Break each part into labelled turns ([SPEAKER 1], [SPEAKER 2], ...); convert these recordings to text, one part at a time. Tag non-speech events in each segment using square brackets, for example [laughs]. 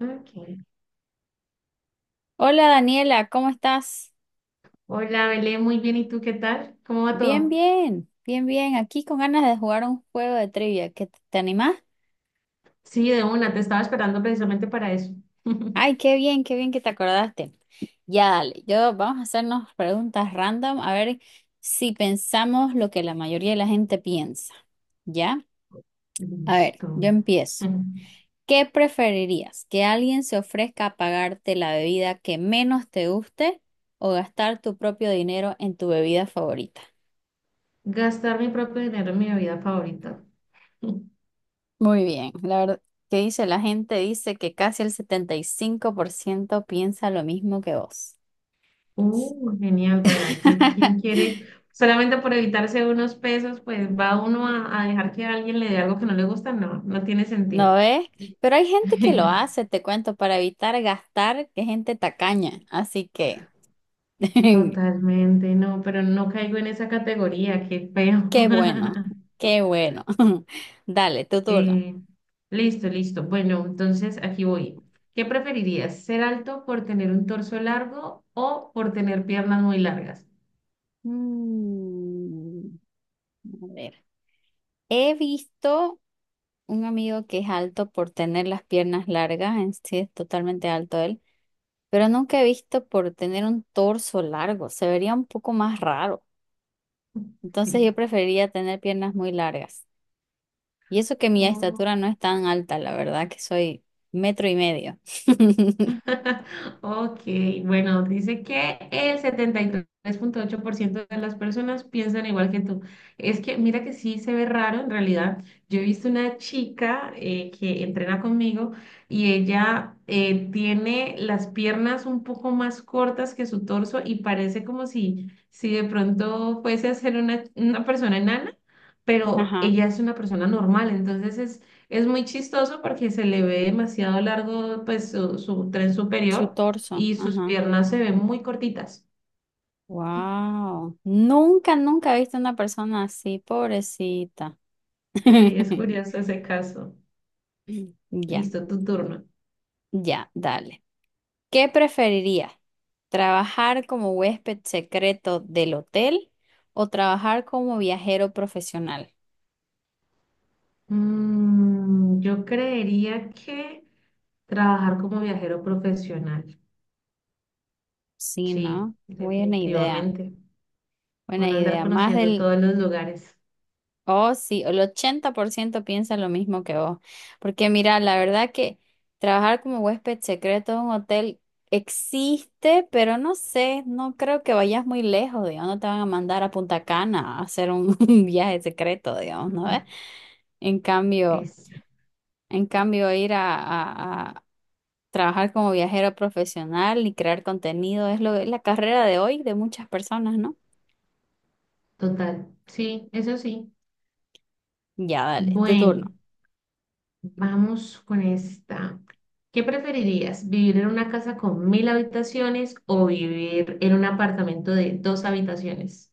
[SPEAKER 1] Ok.
[SPEAKER 2] Hola Daniela, ¿cómo estás?
[SPEAKER 1] Hola, Belén, muy bien. ¿Y tú qué tal? ¿Cómo va
[SPEAKER 2] Bien,
[SPEAKER 1] todo?
[SPEAKER 2] bien, bien, bien. Aquí con ganas de jugar un juego de trivia. ¿Qué te animás?
[SPEAKER 1] Sí, de una, te estaba esperando precisamente para eso. [laughs]
[SPEAKER 2] Ay, qué bien que te acordaste. Ya, dale. Yo vamos a hacernos preguntas random a ver si pensamos lo que la mayoría de la gente piensa. ¿Ya? A ver,
[SPEAKER 1] Listo.
[SPEAKER 2] yo empiezo. ¿Qué preferirías? ¿Que alguien se ofrezca a pagarte la bebida que menos te guste o gastar tu propio dinero en tu bebida favorita?
[SPEAKER 1] Gastar mi propio dinero en mi bebida favorita. [laughs]
[SPEAKER 2] Muy bien, la verdad, ¿qué dice la gente? Dice que casi el 75% piensa lo mismo que vos.
[SPEAKER 1] ¡Genial! Bueno, es que quién
[SPEAKER 2] [laughs]
[SPEAKER 1] quiere, solamente por evitarse unos pesos, pues va uno a dejar que alguien le dé algo que no le gusta. No, no tiene sentido.
[SPEAKER 2] ¿No ves? Pero hay gente que lo hace,
[SPEAKER 1] [laughs]
[SPEAKER 2] te cuento, para evitar gastar, que gente tacaña. Así que, [laughs]
[SPEAKER 1] Totalmente, no, pero no caigo en esa categoría. Qué feo.
[SPEAKER 2] qué bueno,
[SPEAKER 1] [laughs]
[SPEAKER 2] qué bueno. [laughs] Dale, tu turno.
[SPEAKER 1] Eh, Listo, listo. Bueno, entonces aquí voy. ¿Qué preferirías? ¿Ser alto por tener un torso largo o por tener piernas muy largas?
[SPEAKER 2] Mm, a ver, he visto un amigo que es alto por tener las piernas largas, en sí es totalmente alto él. Pero nunca he visto por tener un torso largo, se vería un poco más raro.
[SPEAKER 1] [laughs]
[SPEAKER 2] Entonces yo
[SPEAKER 1] Sí.
[SPEAKER 2] preferiría tener piernas muy largas. Y eso que mi
[SPEAKER 1] Oh.
[SPEAKER 2] estatura no es tan alta, la verdad que soy metro y medio. [laughs]
[SPEAKER 1] [laughs] Ok, bueno, dice que el 73,8% de las personas piensan igual que tú. Es que mira que sí se ve raro en realidad. Yo he visto una chica que entrena conmigo y ella tiene las piernas un poco más cortas que su torso y parece como si de pronto fuese a ser una persona enana, pero
[SPEAKER 2] Ajá,
[SPEAKER 1] ella es una persona normal, entonces es muy chistoso porque se le ve demasiado largo, pues, su tren
[SPEAKER 2] su
[SPEAKER 1] superior
[SPEAKER 2] torso,
[SPEAKER 1] y sus
[SPEAKER 2] ajá.
[SPEAKER 1] piernas se ven muy cortitas.
[SPEAKER 2] Wow, nunca, nunca he visto una persona así, pobrecita.
[SPEAKER 1] Sí, es
[SPEAKER 2] [laughs]
[SPEAKER 1] curioso ese caso.
[SPEAKER 2] Ya,
[SPEAKER 1] Listo, tu turno.
[SPEAKER 2] ya, dale. ¿Qué preferiría? ¿Trabajar como huésped secreto del hotel o trabajar como viajero profesional?
[SPEAKER 1] Yo creería que trabajar como viajero profesional.
[SPEAKER 2] Sí, ¿no?
[SPEAKER 1] Sí,
[SPEAKER 2] Buena idea,
[SPEAKER 1] definitivamente.
[SPEAKER 2] buena
[SPEAKER 1] Bueno, andar
[SPEAKER 2] idea. Más
[SPEAKER 1] conociendo
[SPEAKER 2] del,
[SPEAKER 1] todos los lugares.
[SPEAKER 2] oh sí, el 80% piensa lo mismo que vos. Porque mira, la verdad que trabajar como huésped secreto de un hotel existe, pero no sé, no creo que vayas muy lejos, digamos, no te van a mandar a Punta Cana a hacer un, [laughs] un viaje secreto, digamos, ¿no ves?
[SPEAKER 1] [laughs]
[SPEAKER 2] En cambio...
[SPEAKER 1] Es
[SPEAKER 2] En cambio, ir a, a trabajar como viajero profesional y crear contenido es lo, es la carrera de hoy de muchas personas, ¿no?
[SPEAKER 1] total. Sí, eso sí.
[SPEAKER 2] Ya, dale, tu
[SPEAKER 1] Bueno.
[SPEAKER 2] turno.
[SPEAKER 1] Vamos con esta. ¿Qué preferirías? ¿Vivir en una casa con mil habitaciones o vivir en un apartamento de dos habitaciones?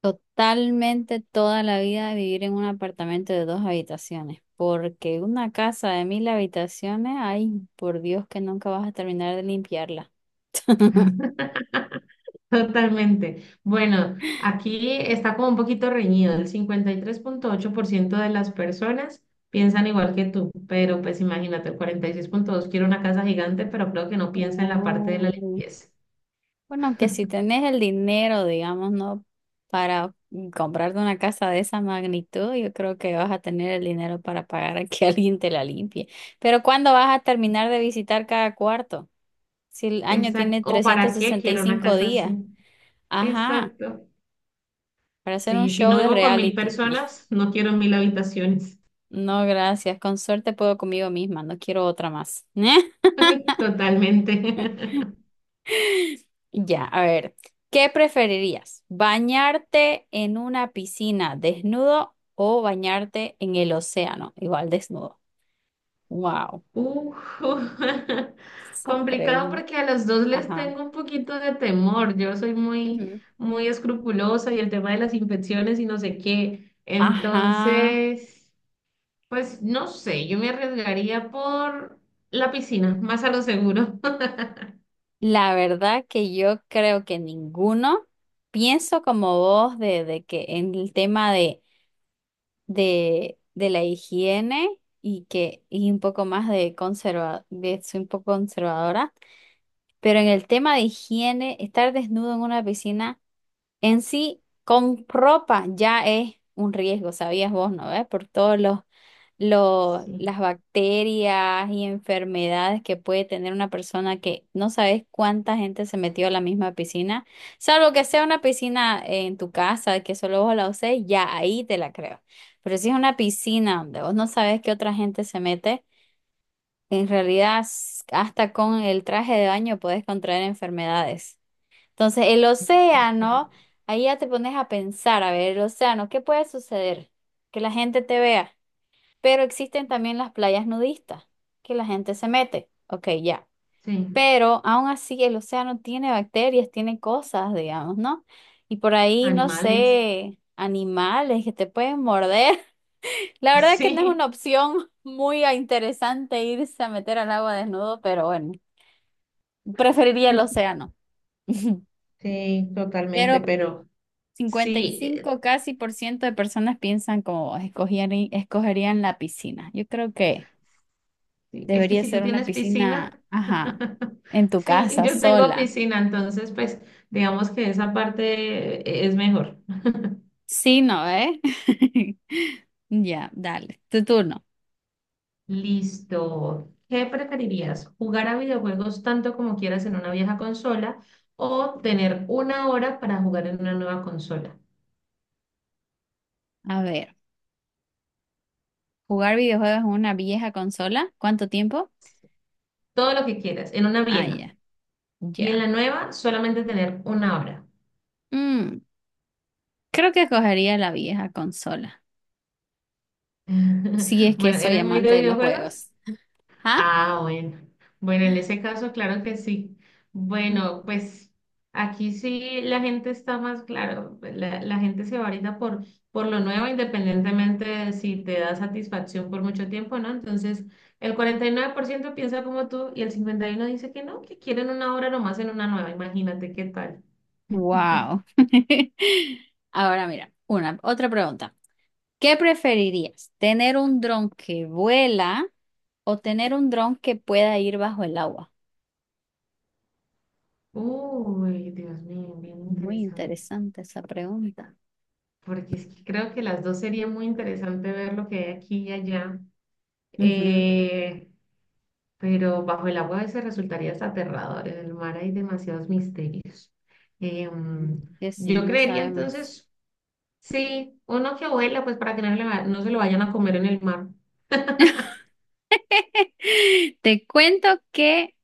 [SPEAKER 2] Totalmente toda la vida vivir en un apartamento de dos habitaciones, porque una casa de 1000 habitaciones, ay, por Dios que nunca vas a terminar de limpiarla. [laughs]
[SPEAKER 1] [laughs] Totalmente. Bueno, aquí está como un poquito reñido. El 53,8% de las personas piensan igual que tú, pero pues imagínate, el 46,2 quiere una casa gigante, pero creo que no piensa en la parte de la
[SPEAKER 2] Oh.
[SPEAKER 1] limpieza.
[SPEAKER 2] Bueno, que si tenés el dinero, digamos, ¿no? Para comprarte una casa de esa magnitud, yo creo que vas a tener el dinero para pagar a que [laughs] alguien te la limpie. Pero ¿cuándo vas a terminar de visitar cada cuarto? Si el año
[SPEAKER 1] Exacto.
[SPEAKER 2] tiene
[SPEAKER 1] ¿O
[SPEAKER 2] trescientos
[SPEAKER 1] para qué
[SPEAKER 2] sesenta y
[SPEAKER 1] quiero una
[SPEAKER 2] cinco
[SPEAKER 1] casa
[SPEAKER 2] días.
[SPEAKER 1] así?
[SPEAKER 2] Ajá,
[SPEAKER 1] Exacto.
[SPEAKER 2] para hacer un
[SPEAKER 1] Sí, si
[SPEAKER 2] show
[SPEAKER 1] no
[SPEAKER 2] de
[SPEAKER 1] vivo con mil
[SPEAKER 2] reality. [laughs]
[SPEAKER 1] personas, no quiero mil habitaciones.
[SPEAKER 2] No, gracias. Con suerte puedo conmigo misma. No quiero otra más. [laughs]
[SPEAKER 1] [laughs] Totalmente. [laughs]
[SPEAKER 2] Ya, a ver, ¿qué preferirías? ¿Bañarte en una piscina desnudo o bañarte en el océano igual desnudo? Wow,
[SPEAKER 1] Uf, [laughs]
[SPEAKER 2] esa
[SPEAKER 1] complicado
[SPEAKER 2] pregunta.
[SPEAKER 1] porque a los dos les
[SPEAKER 2] Ajá.
[SPEAKER 1] tengo un poquito de temor. Yo soy muy,
[SPEAKER 2] Ujú.
[SPEAKER 1] muy escrupulosa y el tema de las infecciones y no sé qué.
[SPEAKER 2] Ajá.
[SPEAKER 1] Entonces, pues no sé, yo me arriesgaría por la piscina, más a lo seguro. [laughs]
[SPEAKER 2] La verdad que yo creo que ninguno. Pienso como vos de que en el tema de la higiene y que y un poco más de conserva, de soy un poco conservadora. Pero en el tema de higiene, estar desnudo en una piscina en sí con ropa ya es un riesgo, sabías vos, ¿no ves? Por todos los,
[SPEAKER 1] Sí,
[SPEAKER 2] las bacterias y enfermedades que puede tener una persona que no sabes cuánta gente se metió a la misma piscina, salvo que sea una piscina en tu casa que solo vos la uses, ya ahí te la creo. Pero si es una piscina donde vos no sabes qué otra gente se mete, en realidad, hasta con el traje de baño puedes contraer enfermedades. Entonces, el océano,
[SPEAKER 1] exactamente.
[SPEAKER 2] ahí ya te pones a pensar, a ver, el océano, ¿qué puede suceder? Que la gente te vea. Pero existen también las playas nudistas, que la gente se mete. Ok, ya.
[SPEAKER 1] Sí,
[SPEAKER 2] Pero aún así, el océano tiene bacterias, tiene cosas, digamos, ¿no? Y por ahí, no
[SPEAKER 1] animales. [laughs]
[SPEAKER 2] sé, animales que te pueden morder. La verdad que no es una
[SPEAKER 1] Sí,
[SPEAKER 2] opción [laughs] muy interesante irse a meter al agua desnudo, pero bueno, preferiría el océano. [laughs]
[SPEAKER 1] sí, totalmente,
[SPEAKER 2] Pero
[SPEAKER 1] pero...
[SPEAKER 2] cincuenta y
[SPEAKER 1] Sí,
[SPEAKER 2] cinco casi por ciento de personas piensan como vos, escogerían la piscina. Yo creo que
[SPEAKER 1] sí, es que
[SPEAKER 2] debería
[SPEAKER 1] si tú
[SPEAKER 2] ser una, sí,
[SPEAKER 1] tienes piscina,
[SPEAKER 2] piscina, ajá,
[SPEAKER 1] [laughs]
[SPEAKER 2] en tu
[SPEAKER 1] sí,
[SPEAKER 2] casa,
[SPEAKER 1] yo tengo
[SPEAKER 2] sola.
[SPEAKER 1] piscina, entonces pues digamos que esa parte es mejor.
[SPEAKER 2] Sí, ¿no, eh? [laughs] Ya, dale, tu turno.
[SPEAKER 1] Listo. ¿Qué preferirías? ¿Jugar a videojuegos tanto como quieras en una vieja consola o tener una hora para jugar en una nueva consola?
[SPEAKER 2] A ver, ¿jugar videojuegos en una vieja consola? ¿Cuánto tiempo?
[SPEAKER 1] Todo lo que quieras, en una
[SPEAKER 2] Ah,
[SPEAKER 1] vieja.
[SPEAKER 2] ya,
[SPEAKER 1] Y en la
[SPEAKER 2] ya.
[SPEAKER 1] nueva solamente tener una hora.
[SPEAKER 2] Mm, creo que cogería la vieja consola, si es
[SPEAKER 1] [laughs]
[SPEAKER 2] que
[SPEAKER 1] Bueno,
[SPEAKER 2] soy
[SPEAKER 1] ¿eres muy
[SPEAKER 2] amante
[SPEAKER 1] de
[SPEAKER 2] de los
[SPEAKER 1] videojuegos?
[SPEAKER 2] juegos. ¿Ah?
[SPEAKER 1] Ah, bueno. Bueno, en ese caso, claro que sí. Bueno, pues aquí sí la gente está más, claro, pues, la gente se va ahorita por lo nuevo, independientemente de si te da satisfacción por mucho tiempo, ¿no? Entonces, el 49% piensa como tú y el 51% dice que no, que quieren una obra nomás en una nueva. Imagínate qué tal.
[SPEAKER 2] Wow. [laughs] Ahora mira, otra pregunta. ¿Qué preferirías? ¿Tener un dron que vuela o tener un dron que pueda ir bajo el agua?
[SPEAKER 1] Uy, Dios mío, bien
[SPEAKER 2] Muy
[SPEAKER 1] interesante.
[SPEAKER 2] interesante esa pregunta.
[SPEAKER 1] Porque es que creo que las dos sería muy interesante ver lo que hay aquí y allá. Eh, pero bajo el agua a veces resultaría hasta aterrador. En el mar hay demasiados misterios. Em,
[SPEAKER 2] Ujú. Que sí,
[SPEAKER 1] yo
[SPEAKER 2] no
[SPEAKER 1] creería
[SPEAKER 2] sabemos.
[SPEAKER 1] entonces, sí, uno que vuela, pues para que no, no se lo vayan a comer en el mar.
[SPEAKER 2] [laughs] Te cuento que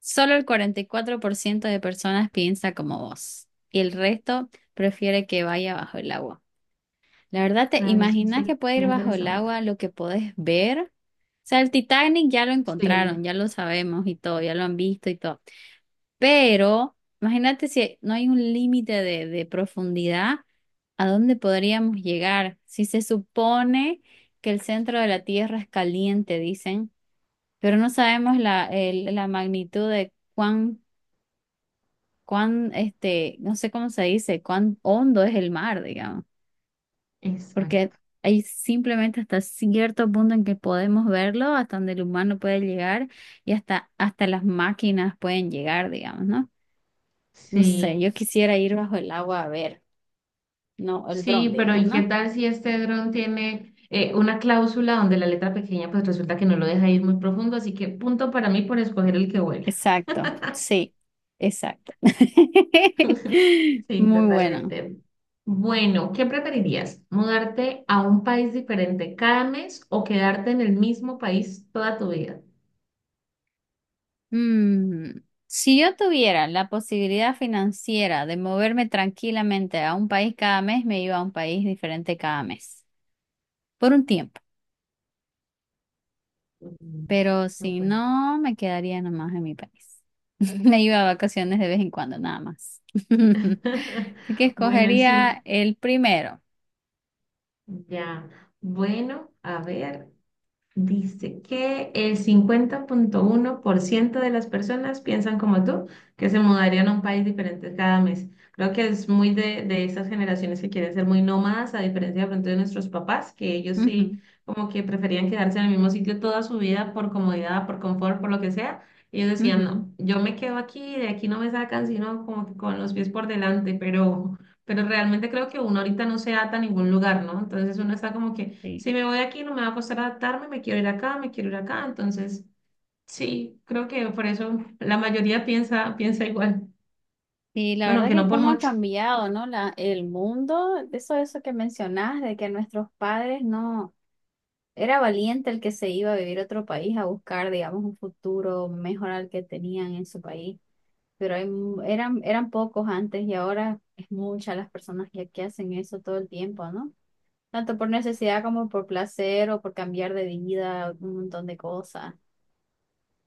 [SPEAKER 2] solo el 44% de personas piensa como vos y el resto prefiere que vaya bajo el agua. La verdad, ¿te
[SPEAKER 1] Claro, es que
[SPEAKER 2] imaginas
[SPEAKER 1] sería
[SPEAKER 2] que puede ir bajo el
[SPEAKER 1] interesante.
[SPEAKER 2] agua lo que podés ver? O sea, el Titanic ya lo encontraron,
[SPEAKER 1] Sí,
[SPEAKER 2] ya lo sabemos y todo, ya lo han visto y todo. Pero imagínate si no hay un límite de profundidad, ¿a dónde podríamos llegar? Si se supone que el centro de la Tierra es caliente, dicen pero no sabemos la, la magnitud de cuán, no sé cómo se dice, cuán hondo es el mar, digamos, porque
[SPEAKER 1] exacto.
[SPEAKER 2] hay simplemente hasta cierto punto en que podemos verlo, hasta donde el humano puede llegar y hasta las máquinas pueden llegar, digamos, ¿no? No sé,
[SPEAKER 1] Sí,
[SPEAKER 2] yo quisiera ir bajo el agua a ver, no, el dron,
[SPEAKER 1] sí, pero
[SPEAKER 2] digamos,
[SPEAKER 1] ¿y qué
[SPEAKER 2] ¿no?
[SPEAKER 1] tal si este dron tiene una cláusula donde la letra pequeña pues resulta que no lo deja ir muy profundo? Así que punto para mí por escoger el que vuela.
[SPEAKER 2] Exacto, sí, exacto. [laughs]
[SPEAKER 1] Sí,
[SPEAKER 2] Muy bueno.
[SPEAKER 1] totalmente. Bueno, ¿qué preferirías? ¿Mudarte a un país diferente cada mes o quedarte en el mismo país toda tu vida?
[SPEAKER 2] Mm, si yo tuviera la posibilidad financiera de moverme tranquilamente a un país cada mes, me iba a un país diferente cada mes, por un tiempo.
[SPEAKER 1] Mm,
[SPEAKER 2] Pero si
[SPEAKER 1] súper.
[SPEAKER 2] no, me quedaría nomás en mi país. [laughs] Me iba a vacaciones de vez en cuando, nada más. [laughs]
[SPEAKER 1] [laughs]
[SPEAKER 2] Así que
[SPEAKER 1] Bueno, el 5
[SPEAKER 2] escogería el primero.
[SPEAKER 1] ya. Bueno, a ver. Dice que el 50,1% de las personas piensan como tú, que se mudarían a un país diferente cada mes. Creo que es muy de esas generaciones que quieren ser muy nómadas, a diferencia de pronto de nuestros papás, que ellos
[SPEAKER 2] Ujú,
[SPEAKER 1] sí como que preferían quedarse en el mismo sitio toda su vida por comodidad, por confort, por lo que sea. Ellos decían,
[SPEAKER 2] ujú,
[SPEAKER 1] no, yo me quedo aquí, de aquí no me sacan, sino como que con los pies por delante, pero realmente creo que uno ahorita no se ata a ningún lugar, ¿no? Entonces uno está como que...
[SPEAKER 2] sí.
[SPEAKER 1] Si me voy de aquí no me va a costar adaptarme, me quiero ir acá, me quiero ir acá. Entonces, sí, creo que por eso la mayoría piensa igual.
[SPEAKER 2] Y la
[SPEAKER 1] Bueno,
[SPEAKER 2] verdad
[SPEAKER 1] aunque
[SPEAKER 2] que
[SPEAKER 1] no por
[SPEAKER 2] cómo ha
[SPEAKER 1] mucho.
[SPEAKER 2] cambiado, ¿no? El mundo, eso que mencionás, de que nuestros padres no. Era valiente el que se iba a vivir a otro país a buscar, digamos, un futuro mejor al que tenían en su país. Pero eran pocos antes y ahora es muchas las personas que, hacen eso todo el tiempo, ¿no? Tanto por necesidad como por placer o por cambiar de vida, un montón de cosas.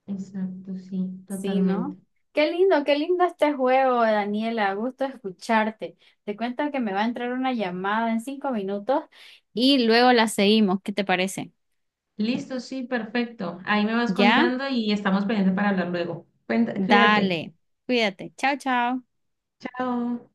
[SPEAKER 1] Exacto, sí,
[SPEAKER 2] Sí, ¿no?
[SPEAKER 1] totalmente.
[SPEAKER 2] Qué lindo este juego, Daniela. Gusto escucharte. Te cuento que me va a entrar una llamada en 5 minutos y luego la seguimos. ¿Qué te parece?
[SPEAKER 1] Listo, sí, perfecto. Ahí me vas
[SPEAKER 2] ¿Ya?
[SPEAKER 1] contando y estamos pendientes para hablar luego. Cuenta, cuídate.
[SPEAKER 2] Dale, cuídate. Chao, chao.
[SPEAKER 1] Chao.